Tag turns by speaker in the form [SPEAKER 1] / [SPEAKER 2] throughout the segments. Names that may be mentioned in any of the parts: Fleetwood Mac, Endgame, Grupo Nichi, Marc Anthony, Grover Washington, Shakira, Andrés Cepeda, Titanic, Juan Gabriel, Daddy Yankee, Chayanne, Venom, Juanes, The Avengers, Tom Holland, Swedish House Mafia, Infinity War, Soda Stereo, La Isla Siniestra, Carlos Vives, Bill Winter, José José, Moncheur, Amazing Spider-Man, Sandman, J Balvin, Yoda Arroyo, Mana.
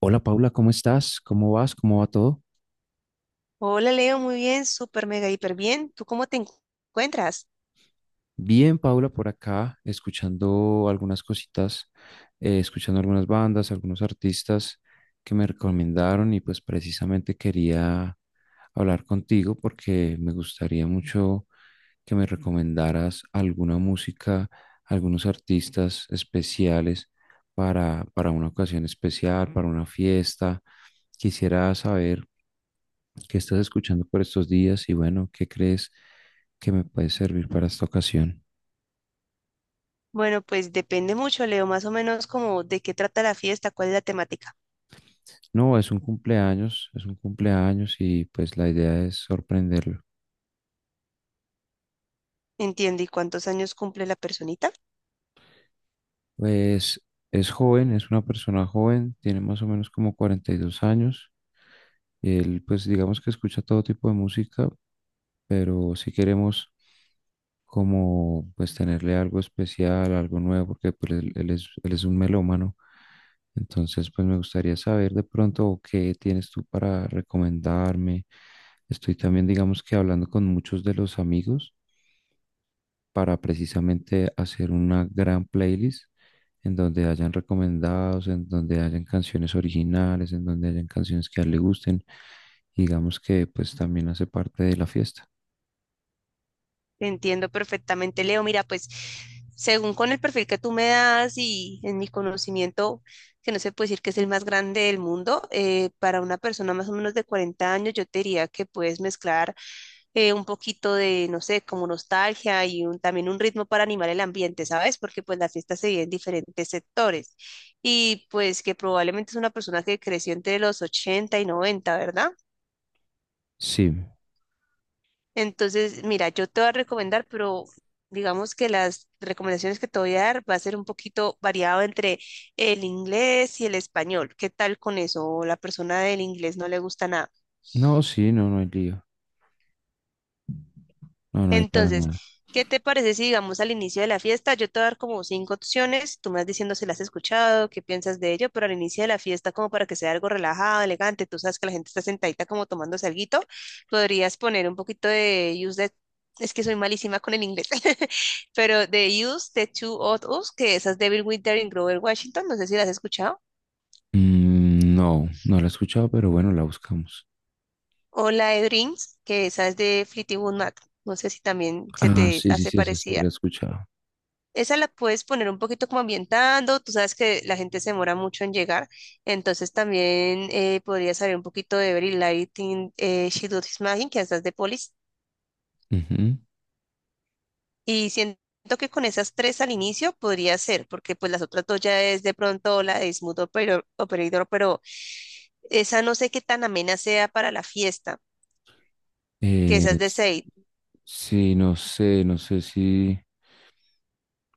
[SPEAKER 1] Hola Paula, ¿cómo estás? ¿Cómo vas? ¿Cómo va todo?
[SPEAKER 2] Hola Leo, muy bien, súper mega hiper bien. ¿Tú cómo te encuentras?
[SPEAKER 1] Bien, Paula, por acá, escuchando algunas cositas, escuchando algunas bandas, algunos artistas que me recomendaron y pues precisamente quería hablar contigo porque me gustaría mucho que me recomendaras alguna música, algunos artistas especiales para una ocasión especial, para una fiesta. Quisiera saber, ¿qué estás escuchando por estos días? Y bueno, ¿qué crees que me puede servir para esta ocasión?
[SPEAKER 2] Bueno, pues depende mucho, Leo, más o menos como de qué trata la fiesta, cuál es la temática.
[SPEAKER 1] No, es un cumpleaños y pues la idea es sorprenderlo.
[SPEAKER 2] Entiendo, ¿y cuántos años cumple la personita?
[SPEAKER 1] Pues es joven, es una persona joven, tiene más o menos como 42 años. Él pues digamos que escucha todo tipo de música, pero si queremos como pues tenerle algo especial, algo nuevo, porque pues él es un melómano. Entonces, pues me gustaría saber de pronto qué tienes tú para recomendarme. Estoy también, digamos que hablando con muchos de los amigos para precisamente hacer una gran playlist en donde hayan recomendados, en donde hayan canciones originales, en donde hayan canciones que a él le gusten. Digamos que pues también hace parte de la fiesta.
[SPEAKER 2] Te entiendo perfectamente, Leo. Mira, pues según con el perfil que tú me das y en mi conocimiento, que no se puede decir que es el más grande del mundo, para una persona más o menos de 40 años, yo te diría que puedes mezclar. Un poquito de, no sé, como nostalgia y también un ritmo para animar el ambiente, ¿sabes? Porque pues las fiestas se viven en diferentes sectores y pues que probablemente es una persona que creció entre los 80 y noventa, ¿verdad?
[SPEAKER 1] Sí.
[SPEAKER 2] Entonces, mira, yo te voy a recomendar, pero digamos que las recomendaciones que te voy a dar va a ser un poquito variado entre el inglés y el español. ¿Qué tal con eso? ¿O la persona del inglés no le gusta nada?
[SPEAKER 1] No, sí, no, no hay lío. No, no hay para
[SPEAKER 2] Entonces,
[SPEAKER 1] nada.
[SPEAKER 2] ¿qué te parece si digamos al inicio de la fiesta? Yo te voy a dar como cinco opciones, tú me vas diciendo si las has escuchado, qué piensas de ello, pero al inicio de la fiesta, como para que sea algo relajado, elegante, tú sabes que la gente está sentadita como tomándose alguito, podrías poner un poquito de Use the, es que soy malísima con el inglés, pero de Use the Two of Us, que esa es de Bill Winter en Grover Washington, no sé si las has escuchado,
[SPEAKER 1] Mm, no, no la he escuchado, pero bueno, la buscamos.
[SPEAKER 2] o la de Dreams, que esa es de Fleetwood Mac, no sé si también se
[SPEAKER 1] Ah,
[SPEAKER 2] te
[SPEAKER 1] sí, sí,
[SPEAKER 2] hace
[SPEAKER 1] sí, esa sí la he
[SPEAKER 2] parecida.
[SPEAKER 1] escuchado.
[SPEAKER 2] Esa la puedes poner un poquito como ambientando, tú sabes que la gente se demora mucho en llegar, entonces también podría salir un poquito de Very Lighting, She Do This Magic, que estás de Polis,
[SPEAKER 1] Ujú.
[SPEAKER 2] y siento que con esas tres al inicio podría ser, porque pues las otras dos ya es de pronto la de Smooth Operator, pero esa no sé qué tan amena sea para la fiesta, que esa
[SPEAKER 1] Eh,
[SPEAKER 2] es de Seid.
[SPEAKER 1] sí, no sé si,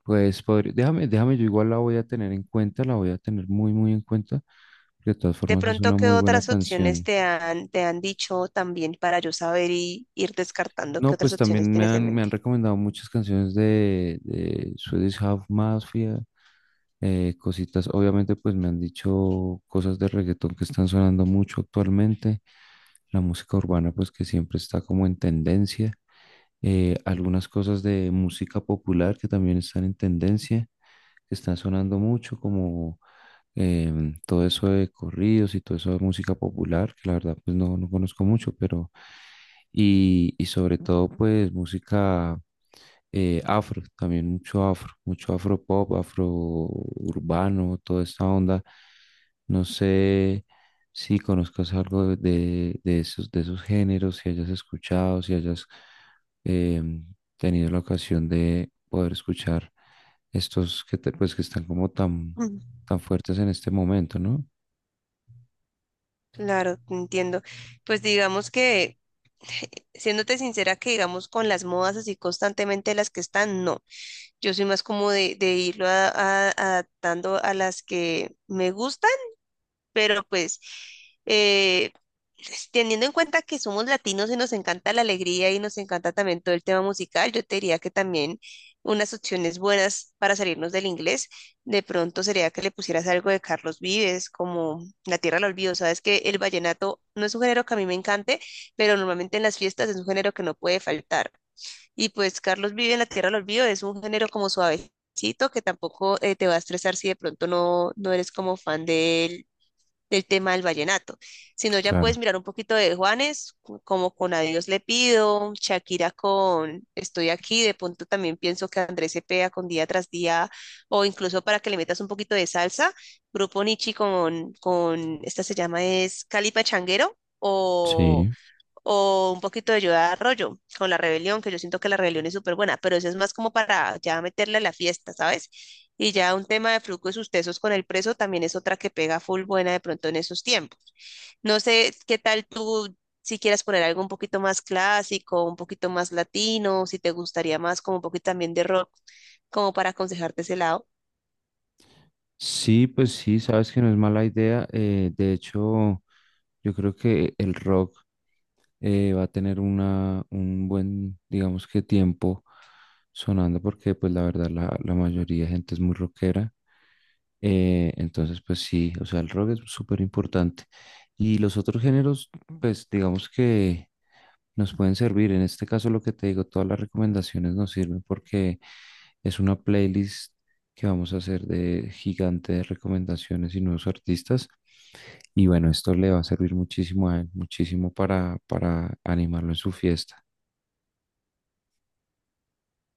[SPEAKER 1] pues, podría, déjame, yo igual la voy a tener en cuenta, la voy a tener muy en cuenta, porque de todas
[SPEAKER 2] De
[SPEAKER 1] formas es
[SPEAKER 2] pronto,
[SPEAKER 1] una
[SPEAKER 2] ¿qué
[SPEAKER 1] muy buena
[SPEAKER 2] otras opciones
[SPEAKER 1] canción.
[SPEAKER 2] te han dicho también para yo saber y ir descartando
[SPEAKER 1] No,
[SPEAKER 2] qué otras
[SPEAKER 1] pues
[SPEAKER 2] opciones
[SPEAKER 1] también me
[SPEAKER 2] tienes en
[SPEAKER 1] han, me han
[SPEAKER 2] mente?
[SPEAKER 1] recomendado muchas canciones de Swedish House Mafia, cositas. Obviamente, pues me han dicho cosas de reggaetón que están sonando mucho actualmente. La música urbana, pues que siempre está como en tendencia. Algunas cosas de música popular que también están en tendencia, que están sonando mucho, como todo eso de corridos y todo eso de música popular, que la verdad pues no, no conozco mucho, pero y sobre todo pues música afro, también mucho afro pop, afro urbano, toda esta onda. No sé si conozcas algo de esos, de esos géneros, si hayas escuchado, si hayas em, tenido la ocasión de poder escuchar estos pues que están como tan fuertes en este momento, ¿no?
[SPEAKER 2] Claro, te entiendo. Pues digamos que, siéndote sincera, que digamos con las modas así constantemente las que están, no. Yo soy más como de irlo adaptando a las que me gustan, pero pues eh, teniendo en cuenta que somos latinos y nos encanta la alegría y nos encanta también todo el tema musical, yo te diría que también unas opciones buenas para salirnos del inglés, de pronto sería que le pusieras algo de Carlos Vives, como La Tierra del Olvido. Sabes que el vallenato no es un género que a mí me encante, pero normalmente en las fiestas es un género que no puede faltar. Y pues Carlos Vives en La Tierra del Olvido es un género como suavecito que tampoco te va a estresar si de pronto no eres como fan de del tema del vallenato. Si no, ya
[SPEAKER 1] Claro.
[SPEAKER 2] puedes mirar un poquito de Juanes, como con Adiós le pido, Shakira con Estoy aquí, de pronto también pienso que Andrés Cepeda con Día tras Día, o incluso para que le metas un poquito de salsa, Grupo Nichi con esta se llama es Cali Pachanguero, o
[SPEAKER 1] Sí.
[SPEAKER 2] un poquito de Yoda Arroyo con la rebelión, que yo siento que la rebelión es súper buena, pero eso es más como para ya meterle a la fiesta, ¿sabes? Y ya un tema de flujo y sus tesos con el preso también es otra que pega full buena de pronto en esos tiempos. No sé qué tal tú, si quieras poner algo un poquito más clásico, un poquito más latino, si te gustaría más como un poquito también de rock, como para aconsejarte ese lado.
[SPEAKER 1] Sí, pues sí, sabes que no es mala idea. De hecho, yo creo que el rock va a tener una, un buen, digamos que tiempo sonando porque pues la verdad la mayoría de gente es muy rockera. Entonces, pues sí, o sea, el rock es súper importante. Y los otros géneros, pues digamos que nos pueden servir. En este caso, lo que te digo, todas las recomendaciones nos sirven porque es una playlist que vamos a hacer de gigante de recomendaciones y nuevos artistas. Y bueno, esto le va a servir muchísimo a él, muchísimo para animarlo en su fiesta.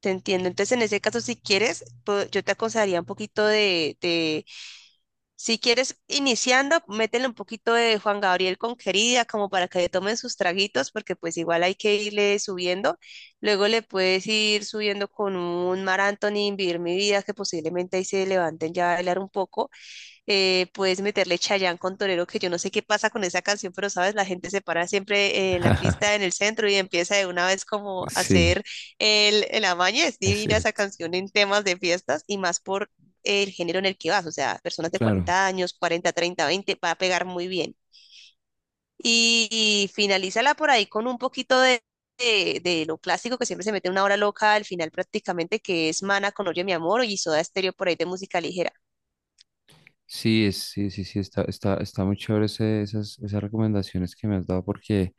[SPEAKER 2] Te entiendo. Entonces, en ese caso, si quieres, yo te aconsejaría un poquito si quieres, iniciando, métele un poquito de Juan Gabriel con Querida, como para que le tomen sus traguitos, porque pues igual hay que irle subiendo. Luego le puedes ir subiendo con un Mar Anthony, Vivir mi vida, que posiblemente ahí se levanten ya a bailar un poco, puedes meterle Chayanne con Torero, que yo no sé qué pasa con esa canción, pero sabes, la gente se para siempre en la pista, en el centro y empieza de una vez como a
[SPEAKER 1] Sí,
[SPEAKER 2] hacer el amaño. Es
[SPEAKER 1] es
[SPEAKER 2] divina esa
[SPEAKER 1] cierto.
[SPEAKER 2] canción en temas de fiestas y más por el género en el que vas, o sea, personas de
[SPEAKER 1] Claro.
[SPEAKER 2] 40 años, 40, 30, 20, va a pegar muy bien. Y finalízala por ahí con un poquito de lo clásico que siempre se mete una hora loca al final prácticamente, que es Mana con Oye mi amor y Soda Stereo por ahí de música ligera.
[SPEAKER 1] Sí, está muy chévere esas, esas recomendaciones que me has dado porque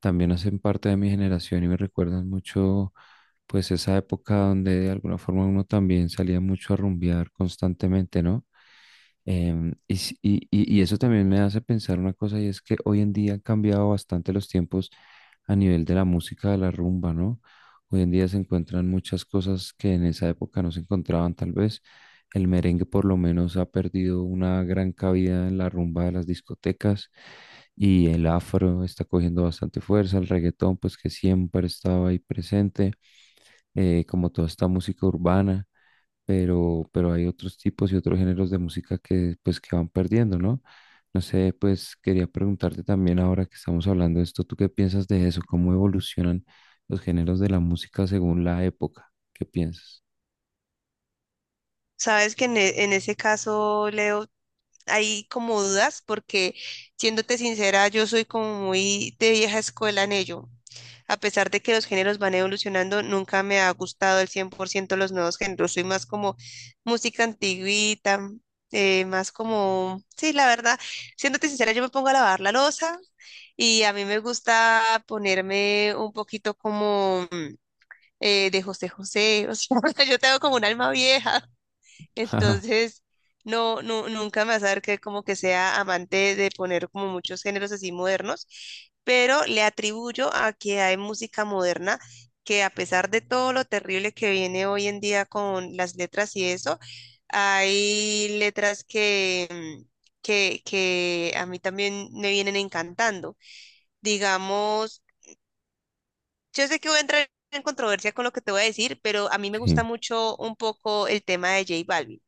[SPEAKER 1] también hacen parte de mi generación y me recuerdan mucho pues esa época donde de alguna forma uno también salía mucho a rumbear constantemente, ¿no? Y eso también me hace pensar una cosa y es que hoy en día han cambiado bastante los tiempos a nivel de la música de la rumba, ¿no? Hoy en día se encuentran muchas cosas que en esa época no se encontraban tal vez. El merengue por lo menos ha perdido una gran cabida en la rumba de las discotecas y el afro está cogiendo bastante fuerza, el reggaetón pues que siempre estaba ahí presente, como toda esta música urbana pero hay otros tipos y otros géneros de música que pues que van perdiendo, ¿no? No sé, pues quería preguntarte también ahora que estamos hablando de esto, ¿tú qué piensas de eso? ¿Cómo evolucionan los géneros de la música según la época? ¿Qué piensas?
[SPEAKER 2] Sabes que en ese caso, Leo, hay como dudas porque, siéndote sincera, yo soy como muy de vieja escuela en ello. A pesar de que los géneros van evolucionando, nunca me ha gustado el 100% los nuevos géneros. Soy más como música antigüita, más como, sí, la verdad, siéndote sincera, yo me pongo a lavar la loza y a mí me gusta ponerme un poquito como de José José, o sea, yo tengo como un alma vieja,
[SPEAKER 1] Ajá,
[SPEAKER 2] entonces no, no, nunca me vas a ver que como que sea amante de poner como muchos géneros así modernos, pero le atribuyo a que hay música moderna que a pesar de todo lo terrible que viene hoy en día con las letras y eso, hay letras que que a mí también me vienen encantando. Digamos, yo sé que voy a entrar en controversia con lo que te voy a decir, pero a mí me
[SPEAKER 1] sí,
[SPEAKER 2] gusta mucho un poco el tema de J Balvin,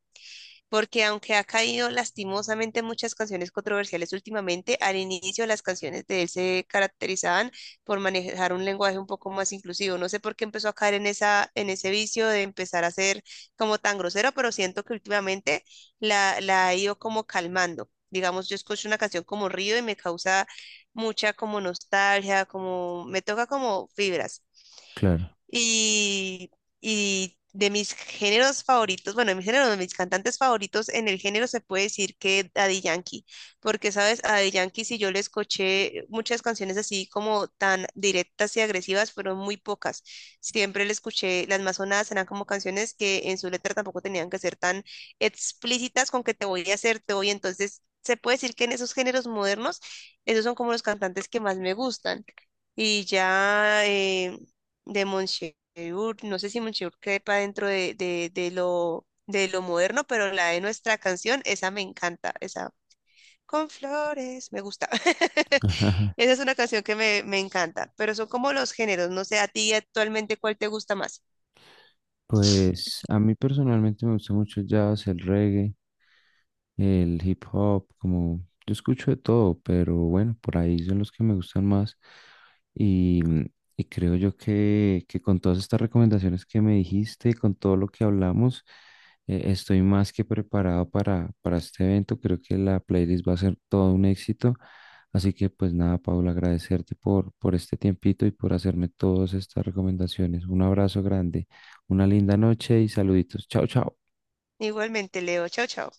[SPEAKER 2] porque aunque ha caído lastimosamente en muchas canciones controversiales últimamente, al inicio las canciones de él se caracterizaban por manejar un lenguaje un poco más inclusivo. No sé por qué empezó a caer en esa, en ese vicio de empezar a ser como tan grosero, pero siento que últimamente la ha ido como calmando. Digamos, yo escucho una canción como Río y me causa mucha como nostalgia, como me toca como fibras.
[SPEAKER 1] claro.
[SPEAKER 2] Y, y de mis géneros favoritos, bueno, de mis géneros, de mis cantantes favoritos en el género se puede decir que Daddy Yankee, porque sabes, a Daddy Yankee si yo le escuché muchas canciones así como tan directas y agresivas, fueron muy pocas. Siempre le escuché, las más sonadas eran como canciones que en su letra tampoco tenían que ser tan explícitas con que te voy a hacer, te voy, entonces se puede decir que en esos géneros modernos, esos son como los cantantes que más me gustan. Y ya, de Moncheur, no sé si Moncheur quepa dentro de lo moderno, pero la de nuestra canción, esa me encanta, esa con flores, me gusta.
[SPEAKER 1] Ajá.
[SPEAKER 2] Esa es una canción que me encanta, pero son como los géneros, no sé, a ti actualmente cuál te gusta más.
[SPEAKER 1] Pues a mí personalmente me gusta mucho el jazz, el reggae, el hip hop, como yo escucho de todo, pero bueno, por ahí son los que me gustan más. Y, mm, y creo yo que con todas estas recomendaciones que me dijiste, con todo lo que hablamos, estoy más que preparado para este evento. Creo que la playlist va a ser todo un éxito. Así que pues nada, Paula, agradecerte por este tiempito y por hacerme todas estas recomendaciones. Un abrazo grande, una linda noche y saluditos. Chao, chao.
[SPEAKER 2] Igualmente, Leo, chao, chao.